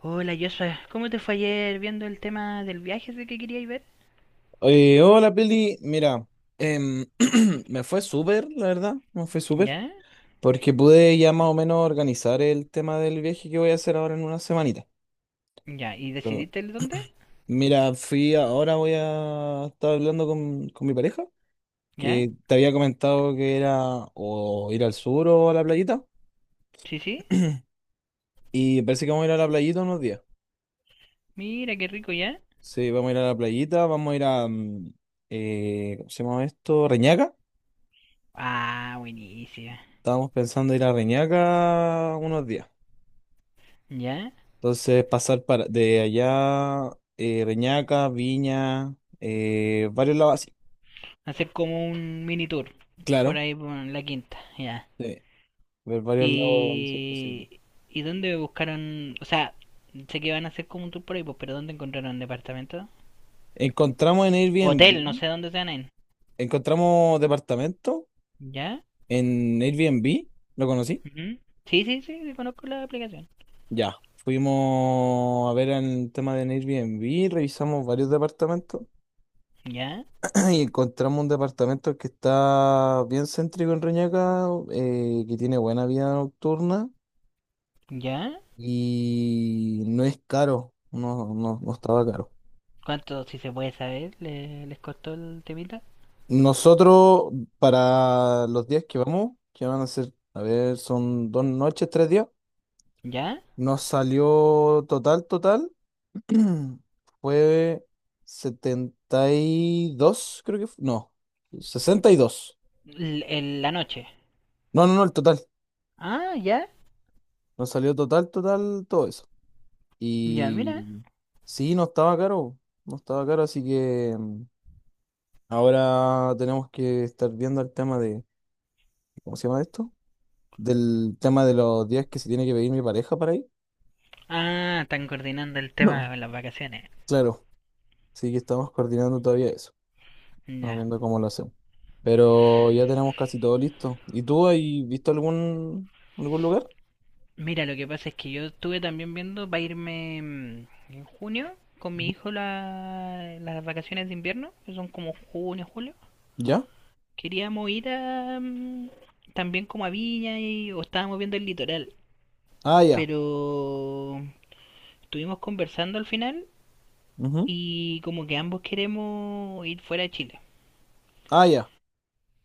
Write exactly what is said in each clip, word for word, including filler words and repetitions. Hola Joshua, ¿cómo te fue ayer viendo el tema del viaje ese que queríais ver? Eh, hola Pili, mira, em, me fue súper, la verdad, me fue súper, ¿Ya? porque pude ya más o menos organizar el tema del viaje que voy a hacer ahora en una semanita. ¿Ya? ¿Y Pero, decidiste el dónde? mira, fui, ahora voy a estar hablando con, con mi pareja, ¿Ya? que te había comentado que era o ir al sur o a la playita, ¿Sí, sí? y parece que vamos a ir a la playita unos días. Mira, qué rico, ¿ya? Sí, vamos a ir a la playita, vamos a ir a, mm, eh, ¿cómo se llama esto? Reñaca. Ah, buenísima. Estábamos pensando ir a Reñaca unos días. ¿Ya? Entonces, pasar para, de allá, eh, Reñaca, Viña, eh, varios lados así. Hacer como un mini tour por Claro. ahí por la quinta, ¿ya? Sí, ver varios lados si es posible. ¿Y, ¿y dónde buscaron? O sea, sé que van a hacer como un tour por ahí, pues, pero ¿dónde encontraron departamento? Encontramos en Hotel, no Airbnb, sé dónde se van a ir. encontramos departamento ¿Ya? en Airbnb, ¿lo conocí? Ujú. Sí, sí, sí, sí, conozco la aplicación. Ya, fuimos a ver el tema de Airbnb, revisamos varios departamentos ¿Ya? y encontramos un departamento que está bien céntrico en Reñaca, eh, que tiene buena vida nocturna ¿Ya? y no es caro, no, no, no estaba caro. ¿Cuánto, si se puede saber, le- les costó el temita? Nosotros, para los días que vamos, que van a ser, a ver, son dos noches, tres días, ¿Ya? nos salió total, total, fue setenta y dos creo que fue, no, sesenta y dos. L- en la noche. No, no, no, el total. Ah, ya. Nos salió total, total, todo eso. Ya, mira. Y sí, no estaba caro, no estaba caro, así que, mm, ahora tenemos que estar viendo el tema de, ¿cómo se llama esto? Del tema de los días que se tiene que pedir mi pareja para ir. Ah, están coordinando el tema No. de las vacaciones. Claro, sí que estamos coordinando todavía eso, estamos Ya. viendo cómo lo hacemos. Pero ya tenemos casi todo listo. ¿Y tú has visto algún, algún lugar? Mira, lo que pasa es que yo estuve también viendo para irme mm, en junio con mi hijo la- las vacaciones de invierno, que son como junio, julio. ¿Ya? Queríamos ir a, mm, también como a Viña y, o estábamos viendo el litoral, Ah, ya. pero estuvimos conversando al final Ujú. y como que ambos queremos ir fuera de Chile. Ah, ya.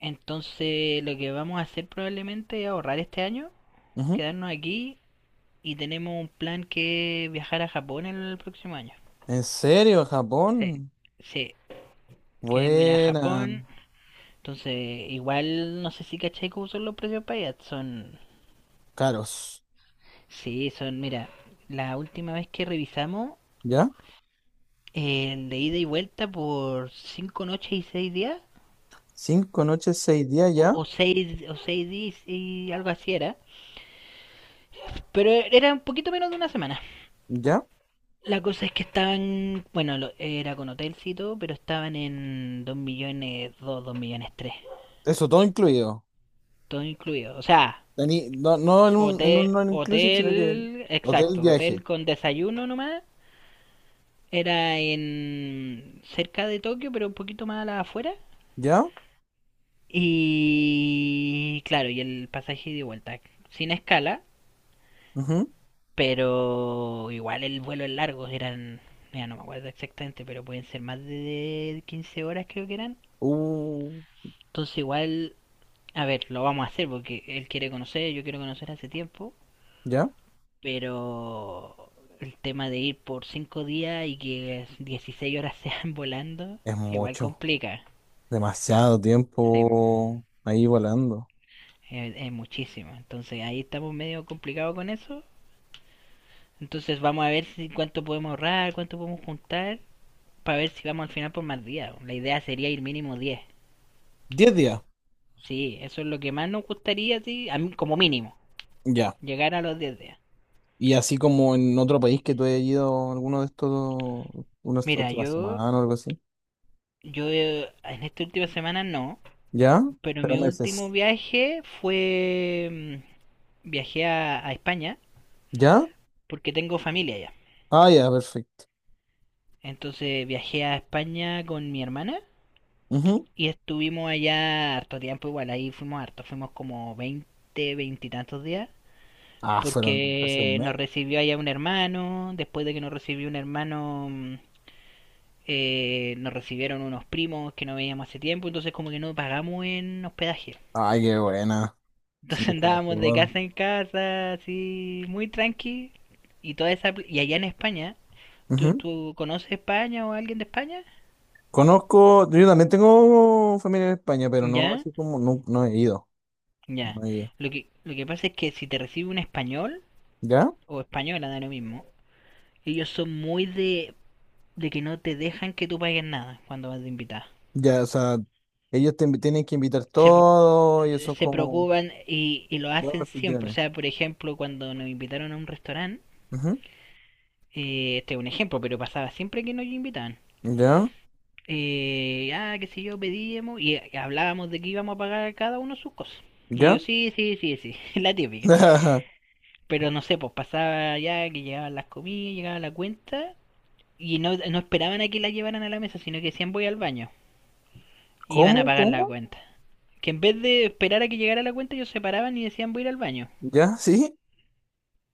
Entonces lo que vamos a hacer probablemente es ahorrar este año, Ujú. quedarnos aquí y tenemos un plan que es viajar a Japón el próximo año. ¿En serio, Sí. Japón? Sí, queremos ir a Buena. Japón. Entonces igual no sé si cachai cómo son los precios para allá. Son, Caros. sí, son, mira, la última vez que revisamos ¿Ya? el de ida y vuelta por cinco noches y seis días Cinco noches, seis días, ¿ya? o, o seis o seis días y algo así era. Pero era un poquito menos de una semana. ¿Ya? La cosa es que estaban, bueno, lo- era con hotelcito, pero estaban en dos millones dos dos millones tres. Eso todo incluido. Todo incluido. O sea, Tení- no, no en un, en hotel, un non inclusive, sino que hotel, hotel, exacto, viaje. hotel con desayuno nomás. Era en cerca de Tokio, pero un poquito más a la afuera. ¿Ya? Y claro, y el pasaje de vuelta. Sin escala. Ujú. Pero igual el vuelo es largo, eran, mira, no me acuerdo exactamente, pero pueden ser más de quince horas creo que eran. Uh, Entonces igual, a ver, lo vamos a hacer porque él quiere conocer, yo quiero conocer hace tiempo, ¿ya? pero el tema de ir por cinco días y que dieciséis horas sean volando, Es igual mucho, complica. demasiado Sí, tiempo ahí volando. es, es muchísimo. Entonces ahí estamos medio complicados con eso. Entonces vamos a ver si cuánto podemos ahorrar, cuánto podemos juntar para ver si vamos al final por más días. La idea sería ir mínimo diez. Diez días, Sí, eso es lo que más nos gustaría, sí, a mí, como mínimo, ya. llegar a los diez días. Y así como en otro país que tú hayas ido alguno de estos, unas Mira, últimas yo, semanas o algo así. yo eh, en esta última semana no, ¿Ya? pero Pero mi último meses. viaje fue, mm, viajé a, a España ¿Ya? porque tengo familia allá. Ah, ya, perfecto. Entonces viajé a España con mi hermana Ujú. y estuvimos allá harto tiempo, igual ahí fuimos harto, fuimos como veinte 20 y tantos días. Ah, fueron casi un Porque mes. nos recibió allá un hermano, después de que nos recibió un hermano, mm, eh, nos recibieron unos primos que no veíamos hace tiempo, entonces como que no pagamos en hospedaje. Ay, qué buena. Es Entonces mucho andábamos de mejor. casa en casa, así, muy tranqui, y toda esa... pl- Y allá en España, ¿tú, Ujú. ¿tú conoces España o alguien de España? Conozco, yo también tengo familia en España, pero no ¿Ya? así como, no, no he ido. Ya. No he ido. Lo que, lo que pasa es que si te recibe un español, ¿Ya? o española, da lo mismo, ellos son muy de, de que no te dejan que tú pagues nada cuando vas de invitada. Ya, o sea, ellos te invi- tienen que invitar Se, todo y eso es se como preocupan y, y lo buenos hacen siempre. O anfitriones. sea, por ejemplo, cuando nos invitaron a un restaurante, Ujú. eh, este es un ejemplo, pero pasaba siempre que nos invitaban. Ya, Eh, ah, qué sé yo, pedíamos y eh, hablábamos de que íbamos a pagar cada uno sus cosas. Y ya. ellos, sí, sí, sí, sí, la típica. Pero no sé, pues pasaba ya que llegaban las comidas, llegaba la cuenta y no, no esperaban a que la llevaran a la mesa, sino que decían voy al baño. Y iban a ¿Cómo? pagar la ¿Cómo? cuenta. Que en vez de esperar a que llegara la cuenta, ellos se paraban y decían voy a ir al baño. ¿Ya? ¿Sí?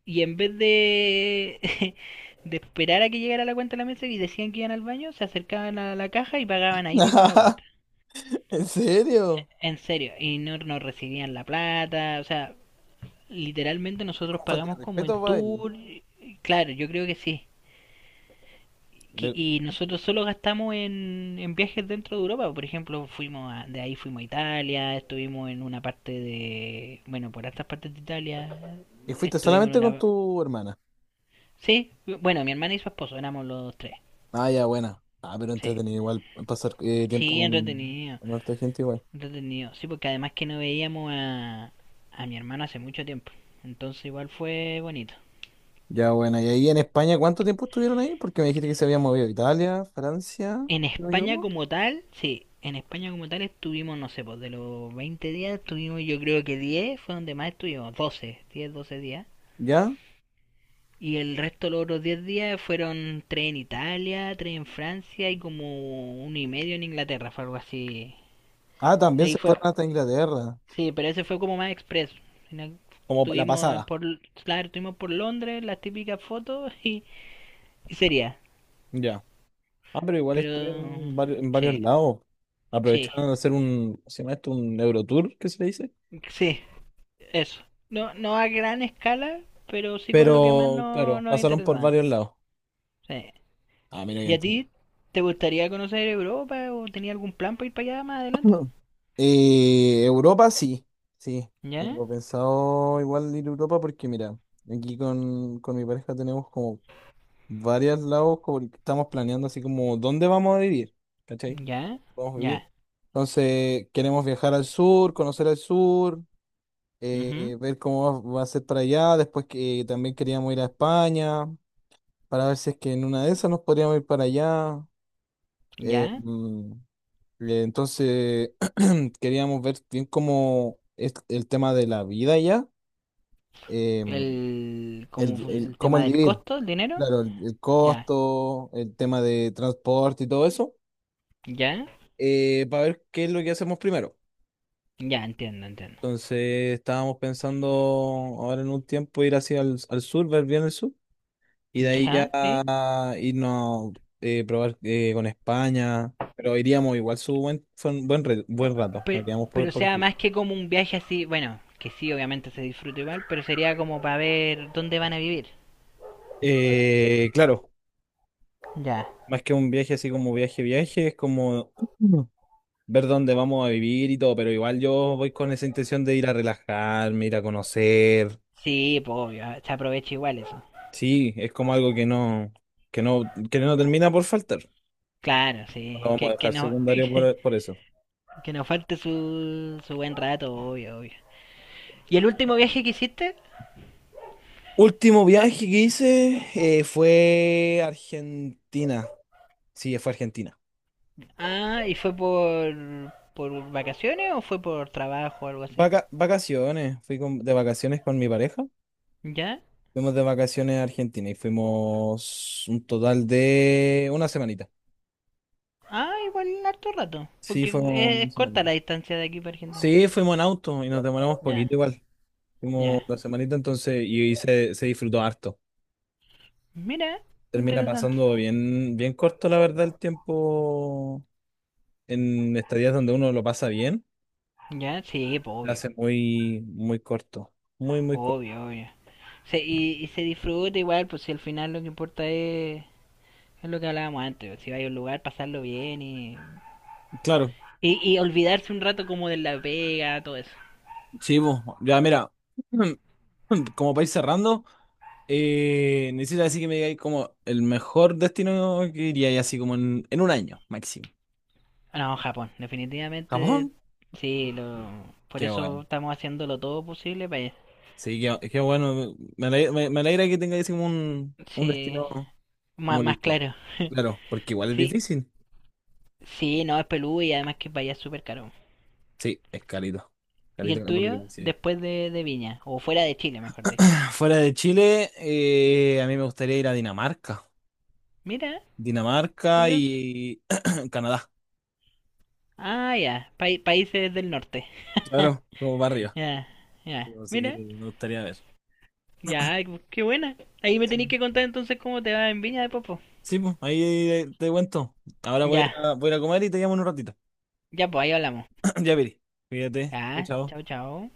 Y en vez de, de esperar a que llegara la cuenta a la mesa y decían que iban al baño, se acercaban a la caja y pagaban ahí mismo la cuenta. ¿En serio? En serio, y no, no recibían la plata, o sea, literalmente Es nosotros como falta de pagamos como en respeto para ellos. tour, claro, yo creo que sí. Que- De- Y nosotros solo gastamos en, en viajes dentro de Europa, por ejemplo, fuimos a- de ahí fuimos a Italia, estuvimos en una parte de, bueno, por estas partes de Italia, ¿Y fuiste estuvimos en solamente con una... tu hermana? Sí, bueno, mi hermana y su esposo, éramos los tres, Ah, ya, buena. Ah, pero sí. entretenido igual pasar eh, tiempo Sí, con, entretenido, con harta gente igual. entretenido. Sí, porque además que no veíamos a, a mi hermano hace mucho tiempo. Entonces igual fue bonito. Ya, buena. ¿Y ahí en España cuánto tiempo estuvieron ahí? Porque me dijiste que se habían movido a Italia, Francia, En si no me España equivoco. como tal, sí, en España como tal estuvimos, no sé, pues de los veinte días estuvimos yo creo que diez fue donde más estuvimos, doce diez doce días. ¿Ya? Y el resto, los otros diez días fueron tres en Italia, tres en Francia y como uno y medio en Inglaterra, fue algo así. Ah, también Ahí se fue, fueron hasta Inglaterra. sí, pero ese fue como más expreso. Sino- Como la Tuvimos pasada, por, claro, tuvimos por Londres las típicas fotos y, y sería. ya. Ah, pero igual Pero estuvieron en varios, en varios, sí, lados. sí, Aprovecharon de hacer un, ¿cómo se llama esto? Un Eurotour, ¿qué se le dice? sí, eso. No, no a gran escala, pero sí con lo que más Pero, no, claro, nos pasaron por interesa. varios lados. Sí. Ah, mira, ya ¿Y a entendí. ti te gustaría conocer Europa o tenías algún plan para ir para allá más adelante? Ujú. Eh, Europa sí, sí. Ya, Tengo pensado igual ir a Europa porque, mira, aquí con, con mi pareja tenemos como varios lados como que estamos planeando así como dónde vamos a vivir, ¿cachai? ya, Vamos a ya, vivir. Entonces, queremos viajar al sur, conocer al sur. ujú, eh, Ver cómo va, va a ser para allá. Después que también queríamos ir a España para ver si es que en una de esas nos podríamos ir para allá. Eh, ya. mm, eh, entonces queríamos ver bien cómo es el tema de la vida allá, eh, El, el, como vi- el- el cómo tema el del vivir, costo, el dinero, claro, el, el ya, costo, el tema de transporte y todo eso, ya, eh, para ver qué es lo que hacemos primero. ya, entiendo, entiendo. Entonces estábamos pensando ahora en un tiempo ir hacia el al sur, ver bien el sur. Y de ahí Ya, sí. ya irnos eh, probar eh, con España. Pero iríamos igual su buen, fue un buen, re- buen rato. Nos Pero, quedamos pero por, o por sea aquí. más que como un viaje así, bueno, que sí, obviamente se disfruta igual, pero sería como para ver dónde van a vivir. Eh, claro, Ya. más que un viaje así como viaje, viaje, es como ver dónde vamos a vivir y todo. Pero igual yo voy con esa intención de ir a relajarme, ir a conocer. Sí, pues obvio, se aprovecha igual eso. Sí, es como algo que no, que no, que no termina por faltar. Claro, No lo sí. vamos a Que, que, dejar no, secundario por, por eso. que nos falte su, su buen rato, obvio, obvio. ¿Y el último viaje que hiciste? Último viaje que hice eh, fue Argentina. Sí, fue a Argentina. Ah, ¿y fue por, ¿por vacaciones o fue por trabajo o algo así? Vaca- vacaciones, fui con- de vacaciones con mi pareja. ¿Ya? Fuimos de vacaciones a Argentina y fuimos un total de una semanita. Ah, igual harto rato. Sí, Porque fuimos una es, es corta semanita. la distancia de aquí para Argentina. Sí, fuimos en auto y nos demoramos Ya, poquito igual. Fuimos ya. la semanita entonces y, y se, se disfrutó harto. Mira, Termina interesante. pasando bien, bien corto, la verdad, el tiempo en estadías donde uno lo pasa bien. Ya, sí, pues, Se hace obvio, muy, muy corto. Muy, muy corto. obvio, obvio. Se- y, y se disfruta igual, pues si al final lo que importa es, es lo que hablábamos antes, pues, si vais a un lugar, pasarlo bien y, Claro. y, y olvidarse un rato como de la pega, todo eso. Sí, vos, ya mira, como país cerrando, eh, necesito así que me digáis como el mejor destino que iría así como en, en, un año máximo. No, Japón, definitivamente, ¿Japón? sí, lo, por Qué eso bueno. estamos haciéndolo todo posible para allá. Sí, qué, qué bueno. Me alegra, me, me alegra que tengáis como un, un Sí, destino más, como más listo. claro. Claro, porque igual es Sí, difícil. sí, no, es peludo y además que vaya súper caro. Sí, es carito. ¿Y Carito el por lo que tuyo? me decíais. Después de, de Viña, o fuera de Chile, mejor dicho. Fuera de Chile, eh, a mí me gustaría ir a Dinamarca. Mira, Dinamarca curioso. y Canadá. Ah, ya, Pai- países del norte. Claro, como barrio. Ya, ya. Pero así que Mira, me gustaría ver. ya, qué buena. Ahí me tenéis Sí, que contar entonces cómo te va en Viña de Popo. sí, pues, ahí te cuento. Ahora voy a, ir Ya, a- voy a ir a comer y te llamo en un ratito. ya, pues ahí hablamos. Ya, Piri. Cuídate. Chao. Ya, chao, Chao. chao.